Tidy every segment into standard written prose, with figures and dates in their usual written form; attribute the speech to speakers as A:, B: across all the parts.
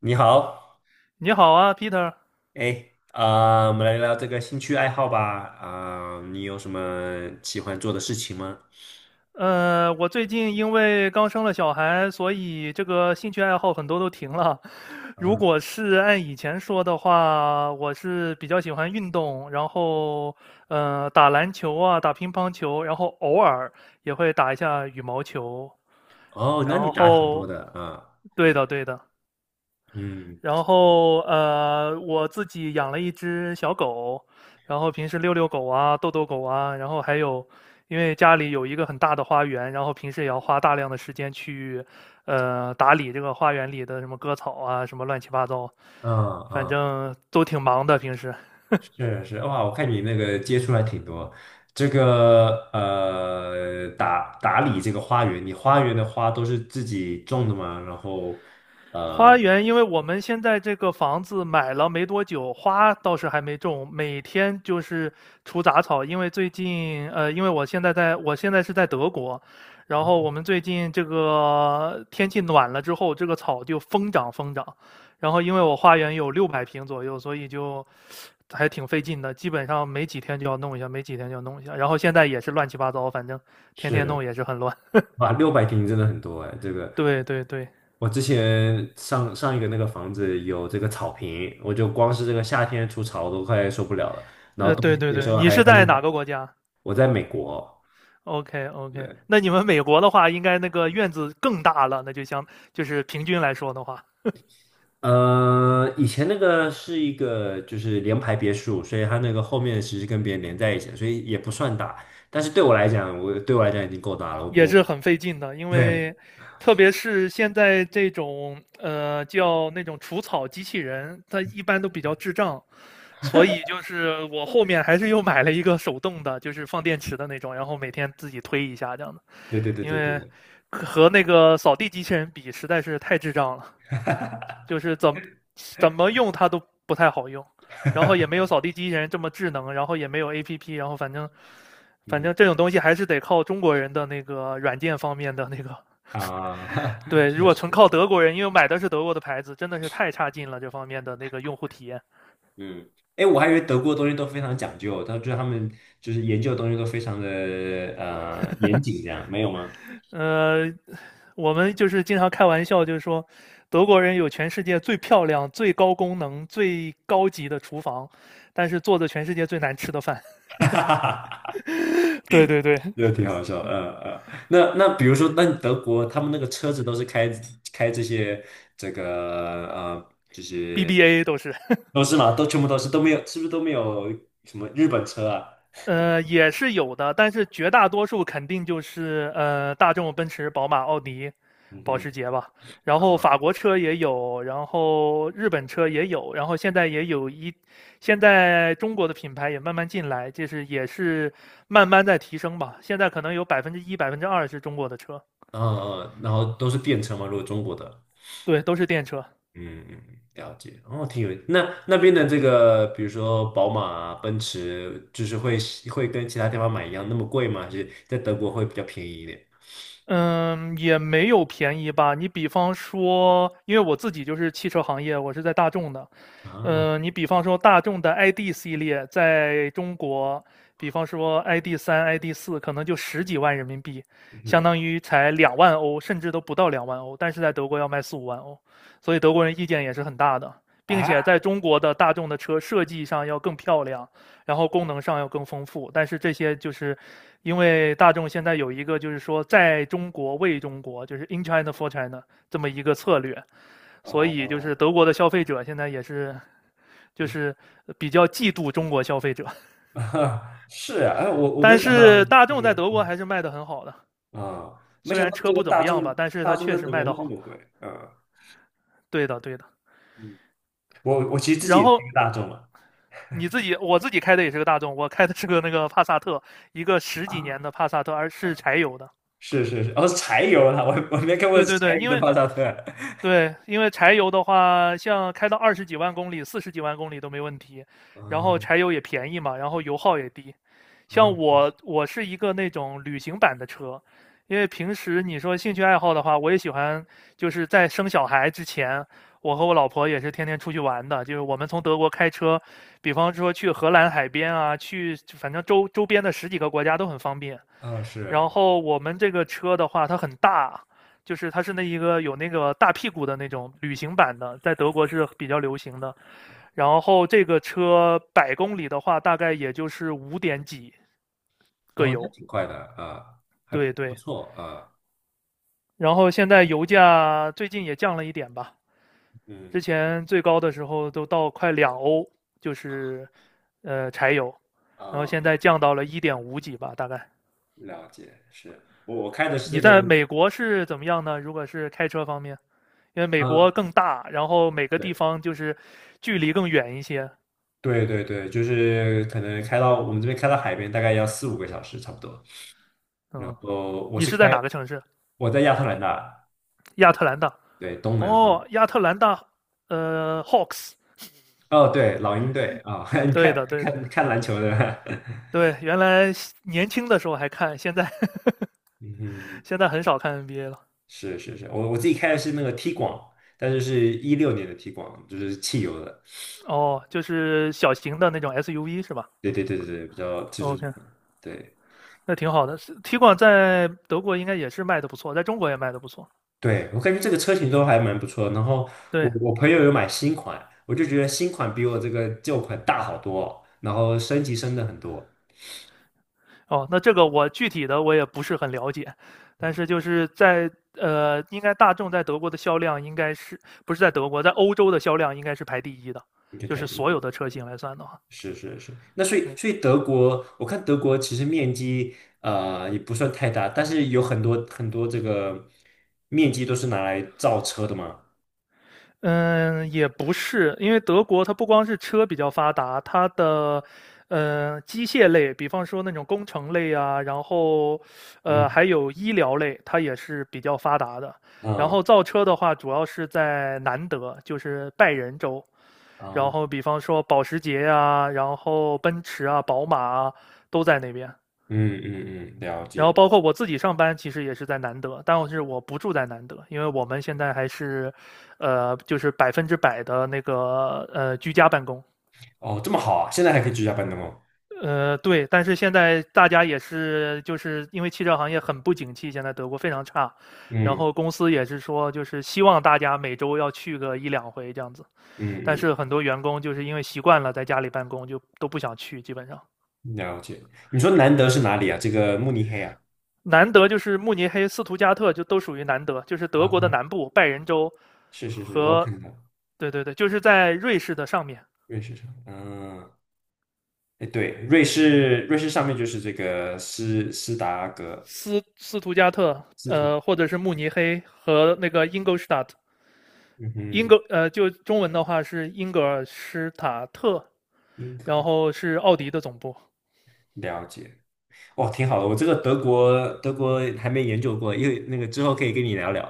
A: 你好，
B: 你好啊，Peter。
A: 哎，啊、我们来聊聊这个兴趣爱好吧。啊、你有什么喜欢做的事情吗？
B: 我最近因为刚生了小孩，所以这个兴趣爱好很多都停了。如
A: 嗯，
B: 果是按以前说的话，我是比较喜欢运动，然后打篮球啊，打乒乓球，然后偶尔也会打一下羽毛球。
A: 哦，那你
B: 然
A: 打挺多
B: 后，
A: 的啊，
B: 对的对的，
A: 嗯，
B: 然后我自己养了一只小狗，然后平时遛遛狗啊，逗逗狗啊，然后还有，因为家里有一个很大的花园，然后平时也要花大量的时间去打理这个花园里的什么割草啊，什么乱七八糟，
A: 啊
B: 反
A: 啊，
B: 正都挺忙的平时。
A: 是是，哇，我看你那个接触还挺多。这个打理这个花园，你花园的花都是自己种的吗？然后
B: 花
A: 呃，
B: 园，因为我们现在这个房子买了没多久，花倒是还没种，每天就是除杂草。因为最近，因为我现在是在德国，然后我们最近这个天气暖了之后，这个草就疯长疯长。然后因为我花园有600平左右，所以就还挺费劲的，基本上没几天就要弄一下，没几天就要弄一下。然后现在也是乱七八糟，反正天天
A: 是。
B: 弄也是很乱。
A: 哇，600平真的很多哎，这个
B: 对对对，
A: 我之前上上一个那个房子有这个草坪，我就光是这个夏天除草我都快受不了了，然后冬
B: 对
A: 天
B: 对
A: 的时
B: 对，
A: 候
B: 你
A: 还
B: 是
A: 很
B: 在
A: 冷。
B: 哪个国家？
A: 我在美国，
B: OK OK,
A: 对，
B: 那你们美国的话，应该那个院子更大了，那就相就是平均来说的话，
A: 呃，以前那个是一个就是联排别墅，所以它那个后面其实跟别人连在一起的所以也不算大。但是对我来讲，我对我来讲已经够大了。
B: 也
A: 我
B: 是很费劲的，因 为特别是现在这种叫那种除草机器人，它一般都比较智障，所以就是我后面还是又买了一个手动的，就是放电池的那种，然后每天自己推一下这样的，
A: 对对对
B: 因
A: 对对
B: 为
A: 对，
B: 和那个扫地机器人比，实在是太智障了。就是怎么用它都不太好用，然后也没有扫地机器人这么智能，然后也没有 A P P，然后反正
A: 嗯
B: 这种东西还是得靠中国人的那个软件方面的那个。
A: 啊，
B: 对，如
A: 确
B: 果纯
A: 实。
B: 靠德国人，因为买的是德国的牌子，真的是太差劲了这方面的那个用户体验。
A: 嗯，哎，我还以为德国的东西都非常讲究，他就是他们就是研究的东西都非常的严谨，这样没有吗？
B: 呃，我们就是经常开玩笑，就是说德国人有全世界最漂亮、最高功能、最高级的厨房，但是做的全世界最难吃的饭。
A: 哈哈，
B: 对对对
A: 个挺好笑。嗯嗯。那比如说，那德国他们那个车子都是开这些这个
B: ，BBA 都是。
A: 都是吗？都全部都是都没有，是不是都没有什么日本车啊？
B: 也是有的，但是绝大多数肯定就是大众、奔驰、宝马、奥迪、
A: 嗯
B: 保
A: 哼，
B: 时捷吧。然后法国车也有，然后日本车也有，然后现在也有一，现在中国的品牌也慢慢进来，就是也是慢慢在提升吧。现在可能有1%、2%是中国的车，
A: 嗯嗯，然后都是电车吗？如果中国的？
B: 对，都是电车。
A: 嗯嗯，了解。哦，挺有。那那边的这个，比如说宝马啊、奔驰，就是会跟其他地方买一样那么贵吗？还是在德国会比较便宜一点？
B: 嗯，也没有便宜吧。你比方说，因为我自己就是汽车行业，我是在大众的，
A: 啊，
B: 你比方说大众的 ID 系列，在中国，比方说 ID 三、ID 四，可能就十几万人民币，相
A: 嗯
B: 当于才两万欧，甚至都不到两万欧，但是在德国要卖4、5万欧，所以德国人意见也是很大的，并且
A: 啊，
B: 在中国的大众的车设计上要更漂亮，然后功能上要更丰富，但是这些就是因为大众现在有一个就是说在中国为中国，就是 in China for China 这么一个策略，所以就
A: 哦，
B: 是德国的消费者现在也是。就是比较嫉妒中国消费者。
A: 是啊，哎，我没
B: 但
A: 想到
B: 是大
A: 这
B: 众在
A: 个，
B: 德国
A: 嗯
B: 还是卖的很好的，
A: 啊，没
B: 虽
A: 想
B: 然
A: 到
B: 车
A: 这个
B: 不怎
A: 大
B: 么样吧，
A: 众
B: 但是
A: 大
B: 它
A: 众
B: 确
A: 在
B: 实
A: 德国
B: 卖的
A: 卖那
B: 好。
A: 么贵，嗯
B: 对的，对的。
A: 嗯，我其实自己
B: 然
A: 也是
B: 后
A: 一个大众嘛，
B: 你自己，我自己开的也是个大众，我开的是个那个帕萨特，一个十几年
A: 啊，
B: 的帕萨特，而是柴油的。
A: 是是是，哦，柴油啊，我没看过
B: 对
A: 柴
B: 对对，
A: 油的帕萨特，
B: 对，因为柴油的话，像开到二十几万公里、四十几万公里都没问题，然后
A: 嗯
B: 柴油也便宜嘛，然后油耗也低。像
A: 啊，不
B: 我，
A: 是
B: 我是一个那种旅行版的车，因为平时你说兴趣爱好的话，我也喜欢，就是在生小孩之前，我和我老婆也是天天出去玩的，就是我们从德国开车，比方说去荷兰海边啊，去反正周周边的十几个国家都很方便。
A: 啊，
B: 然
A: 是。
B: 后我们这个车的话，它很大，就是它是那一个有那个大屁股的那种旅行版的，在德国是比较流行的。然后这个车百公里的话，大概也就是五点几。各
A: 哦，那
B: 油，
A: 挺快的啊，还
B: 对
A: 不
B: 对。
A: 错啊，
B: 然后现在油价最近也降了一点吧，
A: 嗯
B: 之前最高的时候都到快2欧，就是柴油，然后现
A: 啊，
B: 在降到了一点五几吧，大概。
A: 了解，是我开的是
B: 你
A: 这个，
B: 在美国是怎么样呢？如果是开车方面，因为美国
A: 嗯，
B: 更大，然后每个地
A: 对
B: 方就是距离更远一些。
A: 对对对，就是可能开到我们这边开到海边大概要四五个小时差不多，然
B: 嗯，
A: 后我
B: 你
A: 是
B: 是在
A: 开
B: 哪个城市？
A: 我在亚特兰大，
B: 亚特兰大。
A: 对东南方，
B: 哦，亚特兰大，Hawks。
A: 哦对老鹰队啊，你
B: 对
A: 看
B: 的，对的，
A: 看看篮球的，
B: 对。原来年轻的时候还看，
A: 嗯哼，
B: 现在很少看 NBA 了。
A: 是是是，我自己开的是那个 T 广，但是是16年的 T 广，就是汽油的，
B: 哦，就是小型的那种 SUV 是吧
A: 对对对对对，比较就是
B: ？OK，
A: 对。
B: 那挺好的。是 t i 在德国应该也是卖的不错，在中国也卖的不错。
A: 对，我感觉这个车型都还蛮不错的然后我
B: 对，
A: 我朋友有买新款，我就觉得新款比我这个旧款大好多，然后升级升的很多，
B: 哦，那这个我具体的我也不是很了解，但是就是在应该大众在德国的销量应该是不是在德国，在欧洲的销量应该是排第一的，
A: 你就
B: 就
A: 看
B: 是
A: 一
B: 所
A: 点。
B: 有的车型来算的话，
A: 是是是，那所以
B: 对。
A: 所以德国，我看德国其实面积也不算太大，但是有很多很多这个面积都是拿来造车的嘛。
B: 嗯，也不是，因为德国它不光是车比较发达，它的机械类，比方说那种工程类啊，然后
A: 嗯
B: 还有医疗类，它也是比较发达的。然
A: 嗯
B: 后造车的话，主要是在南德，就是拜仁州。然
A: 嗯
B: 后比方说保时捷呀，然后奔驰啊、宝马啊，都在那边。
A: 嗯嗯嗯，了
B: 然后
A: 解。
B: 包括我自己上班，其实也是在南德，但是我不住在南德，因为我们现在还是，就是100%的那个居家办公。
A: 哦，这么好啊，现在还可以居家办公哦。
B: 对，但是现在大家也是，就是因为汽车行业很不景气，现在德国非常差，然
A: 嗯
B: 后公司也是说，就是希望大家每周要去个一两回这样子，但
A: 嗯
B: 是
A: 嗯。
B: 很多员工就是因为习惯了在家里办公，就都不想去，基本上。
A: 了解。你说南德是哪里啊？这个慕尼黑啊？
B: 南德就是慕尼黑、斯图加特，就都属于南德，就是德国的
A: 啊，
B: 南部，拜仁州
A: 是是是，我有
B: 和，
A: 看到
B: 对对对，就是在瑞士的上面，
A: 瑞士上，嗯，哎，对，瑞士上面就是这个斯斯达格
B: 斯图加特，
A: 斯图，
B: 或者是慕尼黑和那个英格施塔特，
A: 嗯哼，
B: 就中文的话是英格尔施塔特，
A: 英格
B: 然
A: 尔
B: 后是奥迪的总部。
A: 了解。哦，挺好的，我这个德国还没研究过，因为那个之后可以跟你聊聊，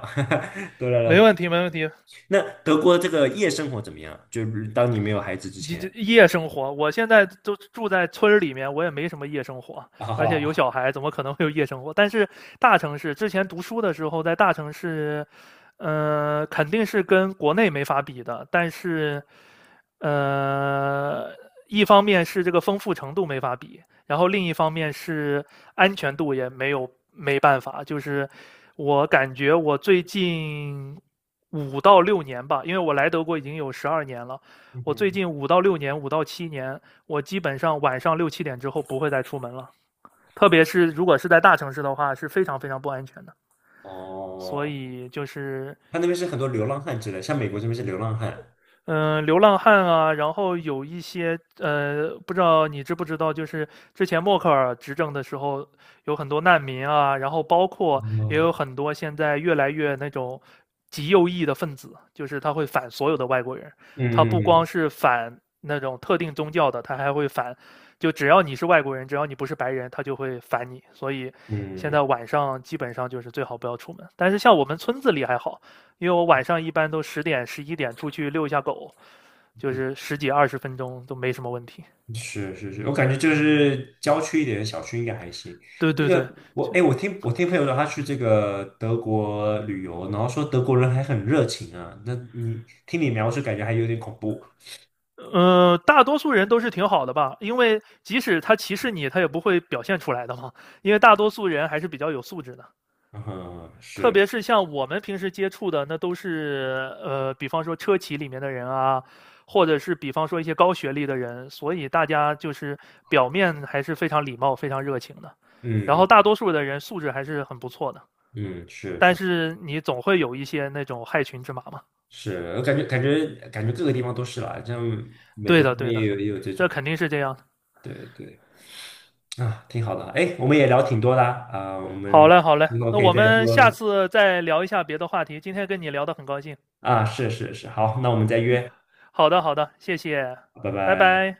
A: 多聊
B: 没
A: 聊。
B: 问题，没问题，
A: 那德国这个夜生活怎么样？就是当你没有孩子之
B: 这
A: 前
B: 夜生活，我现在都住在村儿里面，我也没什么夜生活，而且有
A: 啊，
B: 小孩，怎么可能会有夜生活？但是大城市，之前读书的时候在大城市，肯定是跟国内没法比的。但是，呃，一方面是这个丰富程度没法比，然后另一方面是安全度也没办法。就是我感觉我最近五到六年吧，因为我来德国已经有12年了。
A: 嗯
B: 我最
A: 哼，
B: 近五到六年，5到7年，我基本上晚上6、7点之后不会再出门了。特别是如果是在大城市的话，是非常非常不安全的。所
A: 哦，
B: 以就是
A: 他那边是很多流浪汉之类，像美国这边是流浪汉。
B: 嗯，流浪汉啊，然后有一些不知道你知不知道，就是之前默克尔执政的时候，有很多难民啊，然后包括也有
A: 哦，
B: 很多现在越来越那种极右翼的分子，就是他会反所有的外国人，他不光
A: 嗯
B: 是反那种特定宗教的，他还会反，就只要你是外国人，只要你不是白人，他就会反你。所以现
A: 嗯
B: 在晚上基本上就是最好不要出门。但是像我们村子里还好，因为我晚上一般都10点、11点出去遛一下狗，就
A: 嗯，
B: 是十几二十分钟都没什么问题。
A: 是是是，我感觉就是郊区一点的小区应该还行。
B: 对
A: 这
B: 对对，
A: 个我
B: 就
A: 哎，我听朋友说他去这个德国旅游，然后说德国人还很热情啊。那你听你描述，感觉还有点恐怖。
B: 大多数人都是挺好的吧，因为即使他歧视你，他也不会表现出来的嘛。因为大多数人还是比较有素质的，
A: 嗯，
B: 特
A: 是，
B: 别是像我们平时接触的，那都是比方说车企里面的人啊，或者是比方说一些高学历的人，所以大家就是表面还是非常礼貌、非常热情的，然后
A: 嗯
B: 大多数的人素质还是很不错的。
A: 嗯嗯，是
B: 但
A: 是
B: 是你总会有一些那种害群之马嘛。
A: 是，我感觉各个地方都是啦，像美
B: 对
A: 国那
B: 的，
A: 边
B: 对的，
A: 也有这
B: 这
A: 种，
B: 肯定是这样的。
A: 对对啊，挺好的。哎，我们也聊挺多的啊，啊我
B: 好
A: 们
B: 嘞，好嘞，
A: 之后
B: 那
A: 可以
B: 我
A: 再
B: 们下
A: 多。
B: 次再聊一下别的话题。今天跟你聊得很高兴。
A: 啊，是是是，好，那我们再约，
B: 好的，好的，谢谢，
A: 拜
B: 拜
A: 拜。
B: 拜。